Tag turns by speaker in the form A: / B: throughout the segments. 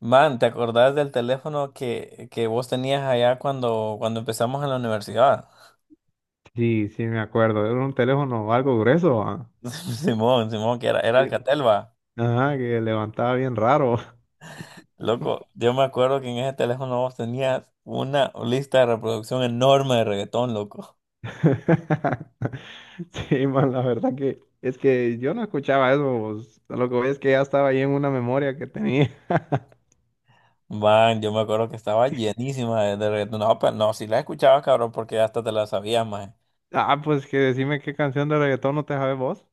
A: Man, ¿te acordás del teléfono que vos tenías allá cuando empezamos en la universidad?
B: Sí, sí, me acuerdo. Era un teléfono algo grueso. Ah.
A: Simón, Simón, que era
B: Bien.
A: Alcatel, va.
B: Ajá, que levantaba bien raro.
A: Loco, yo me acuerdo que en ese teléfono vos tenías una lista de reproducción enorme de reggaetón, loco.
B: Sí, man, la verdad que es que yo no escuchaba eso. Lo que voy es que ya estaba ahí en una memoria que tenía.
A: Man, yo me acuerdo que estaba llenísima de reggaetón. No, pero no, si la escuchabas, cabrón, porque hasta te la sabías, más.
B: Ah, pues que decime qué canción de reggaetón no te sabes vos.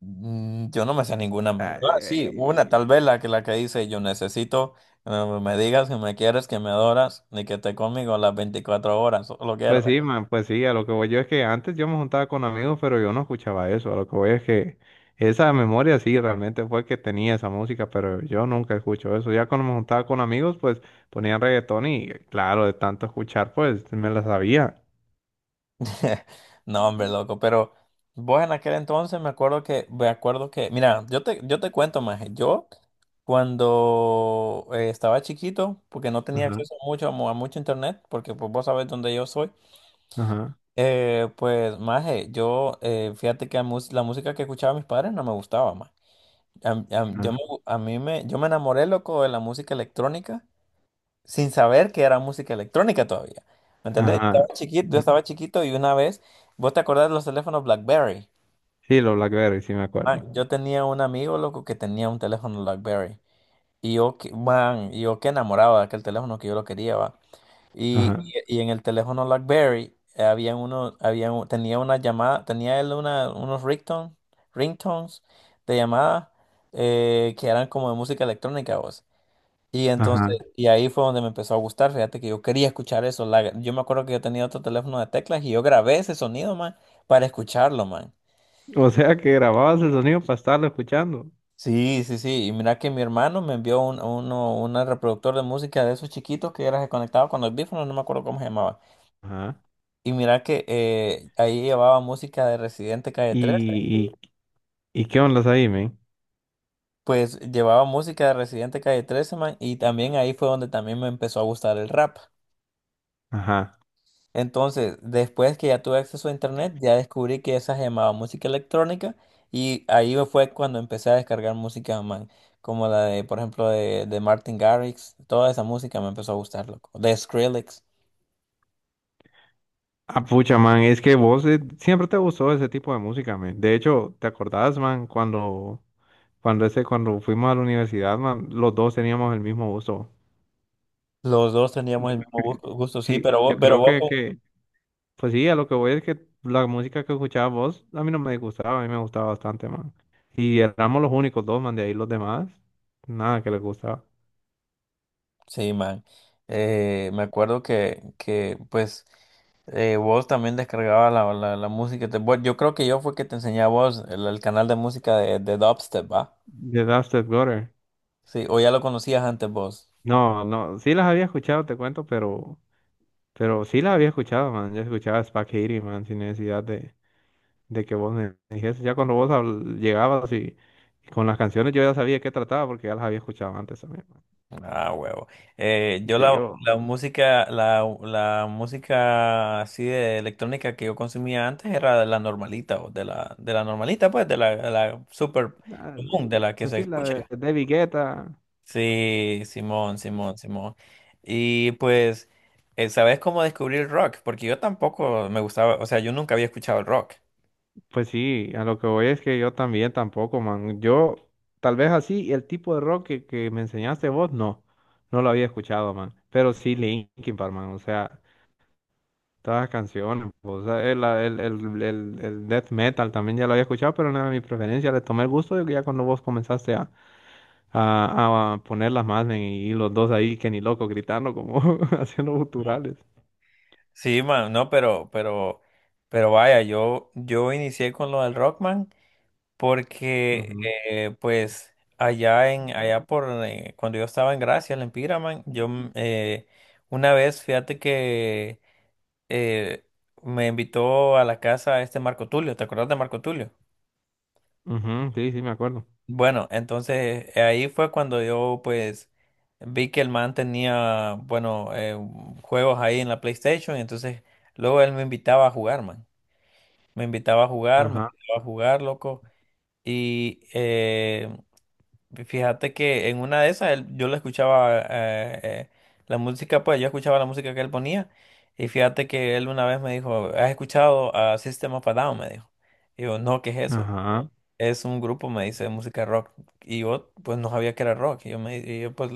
A: Yo no me sé ninguna más. No, ah, sí,
B: Ay,
A: una, tal vez la que dice, yo necesito me digas que me quieres, que me adoras, ni que te conmigo las 24 horas, solo quiero.
B: Pues sí, man, pues sí, a lo que voy yo es que antes yo me juntaba con amigos, pero yo no escuchaba eso, a lo que voy es que esa memoria sí realmente fue que tenía esa música, pero yo nunca escucho eso, ya cuando me juntaba con amigos, pues ponían reggaetón y claro, de tanto escuchar, pues me la sabía.
A: No, hombre, loco, pero vos en aquel entonces me acuerdo que, mira, yo te cuento más, yo cuando estaba chiquito, porque no tenía
B: Ajá,
A: acceso mucho, a mucho internet, porque pues vos sabés dónde yo soy.
B: ajá,
A: Pues, maje, fíjate que la música que escuchaba mis padres no me gustaba, más. A- yo
B: ajá,
A: me, a mí me, yo me enamoré, loco, de la música electrónica sin saber que era música electrónica todavía. ¿Me entendés?
B: ajá.
A: Yo estaba chiquito y una vez, ¿vos te acordás de los teléfonos BlackBerry?
B: Sí, los Blackberry, sí me acuerdo.
A: Man, yo tenía un amigo, loco, que tenía un teléfono BlackBerry. Y yo que enamoraba de aquel teléfono que yo lo quería, va. Y,
B: Ajá,
A: y en el teléfono BlackBerry había uno, había un- tenía una llamada, tenía él una, unos ringtones de llamada que eran como de música electrónica, vos. Y entonces,
B: ajá.
A: y ahí fue donde me empezó a gustar. Fíjate que yo quería escuchar eso. Yo me acuerdo que yo tenía otro teléfono de teclas y yo grabé ese sonido, man, para escucharlo, man.
B: O sea que grababas el sonido para estarlo escuchando.
A: Sí, sí, sí. Y mira que mi hermano me envió una reproductor de música de esos chiquitos que era conectado con los audífonos, no me acuerdo cómo se llamaba.
B: Ajá.
A: Y mira que ahí llevaba música de Residente Calle 13.
B: ¿Y, y qué ondas ahí, men?
A: Pues llevaba música de Residente Calle 13, man. Y también ahí fue donde también me empezó a gustar el rap.
B: Ajá.
A: Entonces, después que ya tuve acceso a internet, ya descubrí que esa se llamaba música electrónica y ahí fue cuando empecé a descargar música, man, como la de, por ejemplo, de Martin Garrix, toda esa música me empezó a gustar, loco, de Skrillex.
B: Ah, pucha, man, es que vos siempre te gustó ese tipo de música, man. De hecho, ¿te acordás, man, cuando fuimos a la universidad, man, los dos teníamos el mismo gusto?
A: Los dos teníamos el mismo gusto, sí,
B: Sí, yo creo que, Pues sí, a lo que voy es que la música que escuchabas vos, a mí no me gustaba, a mí me gustaba bastante, man. Y éramos los únicos dos, man, de ahí los demás, nada que les gustaba.
A: sí, man. Me acuerdo que pues, vos también descargabas la música. Bueno, yo creo que yo fue que te enseñé a vos el canal de música de Dubstep, ¿va?
B: The Dusted Gutter.
A: Sí, o ya lo conocías antes vos.
B: No, no, sí las había escuchado, te cuento, pero sí las había escuchado, man. Yo escuchaba Spack Hitty, man, sin necesidad de que vos me dijese, ya cuando vos llegabas y con las canciones yo ya sabía qué trataba porque ya las había escuchado antes también. ¿No?
A: Ah, huevo. Yo
B: Sí,
A: la,
B: yo,
A: la música, la, la música así de electrónica que yo consumía antes era de la normalita, o de la normalita, pues, de la super
B: ah,
A: común, de la que se
B: Decir la de,
A: escucha.
B: de Vigueta,
A: Sí, Simón, Simón, Simón. Y pues, ¿sabes cómo descubrí el rock? Porque yo tampoco me gustaba, o sea, yo nunca había escuchado el rock.
B: pues sí, a lo que voy es que yo también tampoco, man. Yo, tal vez así, el tipo de rock que me enseñaste vos, no, no lo había escuchado, man. Pero sí Linkin Park, man, o sea, todas las canciones, o sea, el death metal también ya lo había escuchado, pero no era mi preferencia, le tomé el gusto de que ya cuando vos comenzaste a ponerlas más men, y los dos ahí que ni loco gritando como haciendo
A: No.
B: guturales.
A: Sí, man, no, pero vaya, yo inicié con lo del Rockman. Porque
B: Ujú,
A: pues, allá en, allá por, cuando yo estaba en Gracia, en Piraman, una vez, fíjate que eh, me invitó a la casa este Marco Tulio. ¿Te acuerdas de Marco Tulio?
B: ujú, sí, sí, me acuerdo.
A: Bueno, entonces ahí fue cuando yo, pues, vi que el man tenía, bueno, juegos ahí en la PlayStation, y entonces luego él me invitaba a jugar, man. Me invitaba a jugar, me
B: Ajá,
A: invitaba a jugar, loco. Y fíjate que en una de esas yo le escuchaba la música, pues yo escuchaba la música que él ponía y fíjate que él una vez me dijo, ¿has escuchado a System of a Down? Me dijo. Y yo, no, ¿qué es eso?
B: ajá.
A: Es un grupo, me dice, de música rock. Y yo, pues no sabía que era rock. Y yo, me, y yo pues,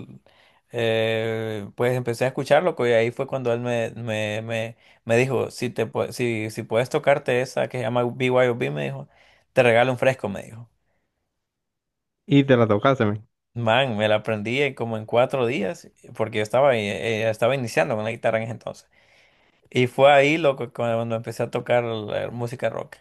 A: pues empecé a escucharlo y ahí fue cuando él me dijo, si puedes tocarte esa que se llama BYOB, me dijo, te regalo un fresco, me dijo.
B: Y te la tocaste, men.
A: Man, me la aprendí en como en 4 días, porque yo estaba iniciando con la guitarra en ese entonces. Y fue ahí, loco, cuando empecé a tocar la música rock.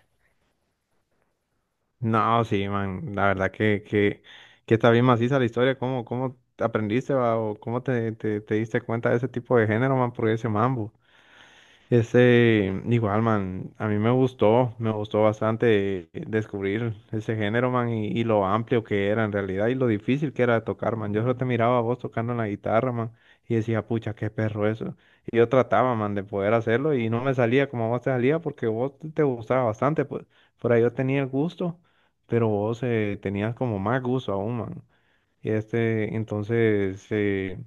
B: No, sí, man, la verdad que está bien maciza la historia. ¿Cómo, cómo aprendiste, va? ¿O cómo te diste cuenta de ese tipo de género, man? Porque ese mambo. Ese, igual, man, a mí me gustó bastante descubrir ese género, man, y lo amplio que era en realidad y lo difícil que era de tocar, man. Yo solo te miraba a vos tocando la guitarra, man, y decía, pucha, qué perro eso. Y yo trataba, man, de poder hacerlo y no me salía como a vos te salía porque vos te gustaba bastante, pues por ahí yo tenía el gusto, pero vos tenías como más gusto aún, man. Y este, entonces, eh,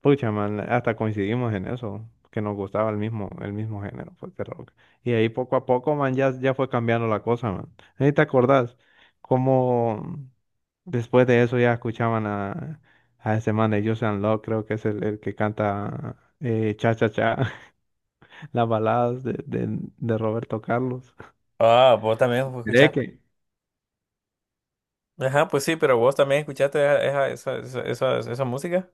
B: Pucha, man, hasta coincidimos en eso, que nos gustaba el mismo género, pues, de rock. Y ahí poco a poco, man, ya, ya fue cambiando la cosa, man. Ahí te acordás cómo después de eso ya escuchaban a ese man de Joseon Love, creo que es el que canta Cha Cha Cha, las baladas de Roberto Carlos.
A: Ah, vos también
B: Miré
A: escuchaste.
B: que.
A: Ajá, pues sí, pero vos también escuchaste esa música.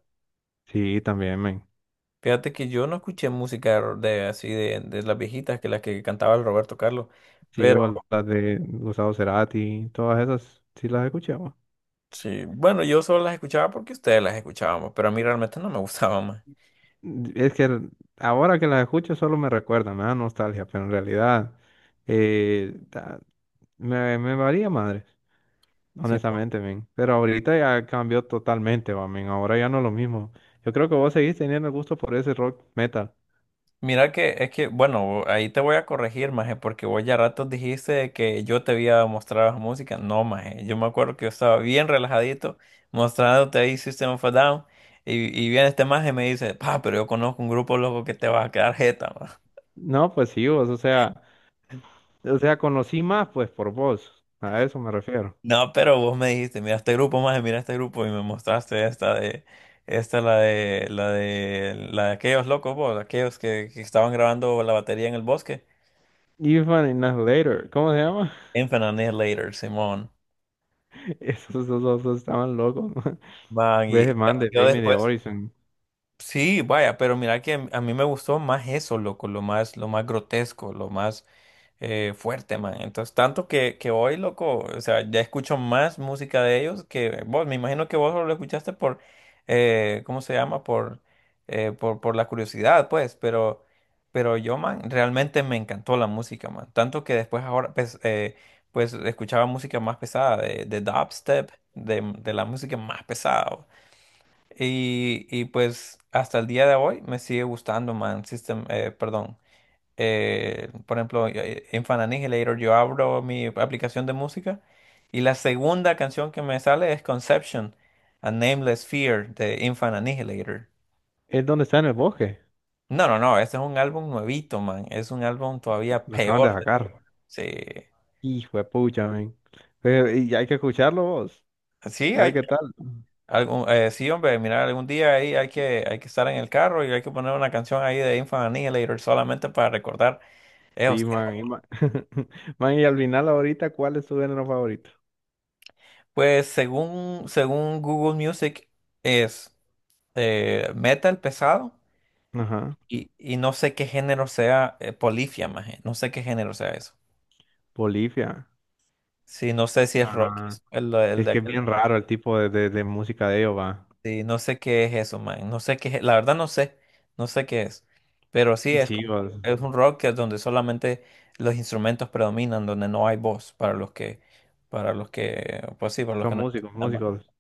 B: Sí, también, man.
A: Fíjate que yo no escuché música de así de las viejitas que las que cantaba el Roberto Carlos.
B: Sí,
A: Pero
B: o las de Gustavo Cerati, todas esas, sí las escuché.
A: sí, bueno, yo solo las escuchaba porque ustedes las escuchábamos, pero a mí realmente no me gustaban más.
B: Es que ahora que las escucho solo me recuerda, me da nostalgia, pero en realidad eh, ta- me, me valía madre,
A: Sí.
B: honestamente, men. Pero ahorita ya cambió totalmente, va, men. Ahora ya no es lo mismo. Yo creo que vos seguís teniendo el gusto por ese rock metal.
A: Mira que es que, bueno, ahí te voy a corregir, maje, porque vos ya ratos dijiste que yo te había mostrado esa música. No, maje, yo me acuerdo que yo estaba bien relajadito mostrándote ahí System of a Down y viene este maje y me dice, pa, pero yo conozco un grupo loco que te va a quedar jeta, ma".
B: No, pues sí, vos, o sea, conocí más pues por vos. A eso me refiero.
A: No, pero vos me dijiste, mira este grupo, maje, mira este grupo y me mostraste esta de, esta la de, la de, la de aquellos locos, vos, aquellos que estaban grabando la batería en el bosque.
B: Even in Later, ¿cómo se llama?
A: Infinite Annihilator, Simón.
B: Esos, esos, esos estaban locos.
A: Man,
B: Breath
A: y
B: of Man de
A: yo
B: Bring Me the
A: después
B: Horizon.
A: Sí, vaya, pero mira que a mí me gustó más eso, loco, lo más, grotesco, lo más fuerte, man. Entonces, tanto que hoy, loco, o sea, ya escucho más música de ellos que vos. Me imagino que vos solo lo escuchaste por, ¿cómo se llama? Por, por la curiosidad, pues, pero yo, man, realmente me encantó la música, man. Tanto que después ahora, pues, pues escuchaba música más pesada, de dubstep, de la música más pesada. Y pues hasta el día de hoy me sigue gustando, man. Perdón. Por ejemplo, en Fan Annihilator yo abro mi aplicación de música y la segunda canción que me sale es Conception, A Nameless Fear de Infant Annihilator.
B: Es donde está en el bosque.
A: No, no, no, este es un álbum nuevito, man. Es un álbum todavía
B: Lo acaban de
A: peor.
B: sacar.
A: Sí,
B: Hijo de pucha, men. Pero, y hay que escucharlo vos.
A: sí,
B: A
A: hay
B: ver
A: que,
B: qué tal.
A: sí, hombre, mira, algún día ahí hay que, estar en el carro y hay que poner una canción ahí de Infant Annihilator solamente para recordar
B: Sí,
A: esos
B: man. Y, man, man, y al final ahorita, ¿cuál es tu género favorito?
A: pues. Según Google Music es metal pesado,
B: Ajá.
A: y no sé qué género sea polifia, maje. No sé qué género sea eso.
B: Bolivia.
A: Sí, no sé si es rock.
B: Ajá.
A: El, el
B: Es
A: de
B: que es
A: aquel-
B: bien raro el tipo de música de ellos, va.
A: sí, no sé qué es eso, man. No sé qué es- La verdad no sé. No sé qué es. Pero sí es
B: Sí,
A: como
B: vos.
A: es un rock que es donde solamente los instrumentos predominan, donde no hay voz para los que pues sí, para los que
B: Son
A: no
B: músicos,
A: entiendan, va.
B: músicos.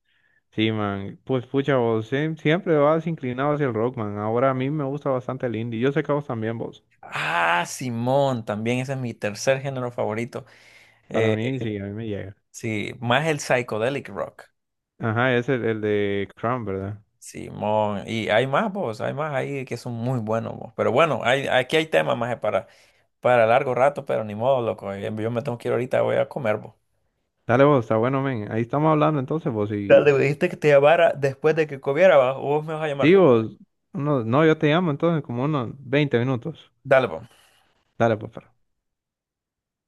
B: Sí, man. Pues pucha, vos siempre vas inclinado hacia el rock, man. Ahora a mí me gusta bastante el indie. Yo sé que a vos también, vos.
A: Ah, Simón, también ese es mi tercer género favorito.
B: Para
A: eh,
B: mí, sí, a mí me llega.
A: Sí, más el psychedelic rock.
B: Ajá, es el de Crown, ¿verdad?
A: Sí, y hay más, vos, hay más ahí que son muy buenos, vos. Pero bueno, aquí hay temas más para, largo rato, pero ni modo, loco. Yo me tengo que ir ahorita, voy a comer, vos.
B: Dale vos, está bueno, men. Ahí estamos hablando entonces vos y...
A: Dale, dijiste que te llamara después de que comiera, ¿va? O vos me vas a
B: Sí,
A: llamar.
B: vos, no, yo te llamo entonces como unos 20 minutos.
A: Dale, vos.
B: Dale, pues.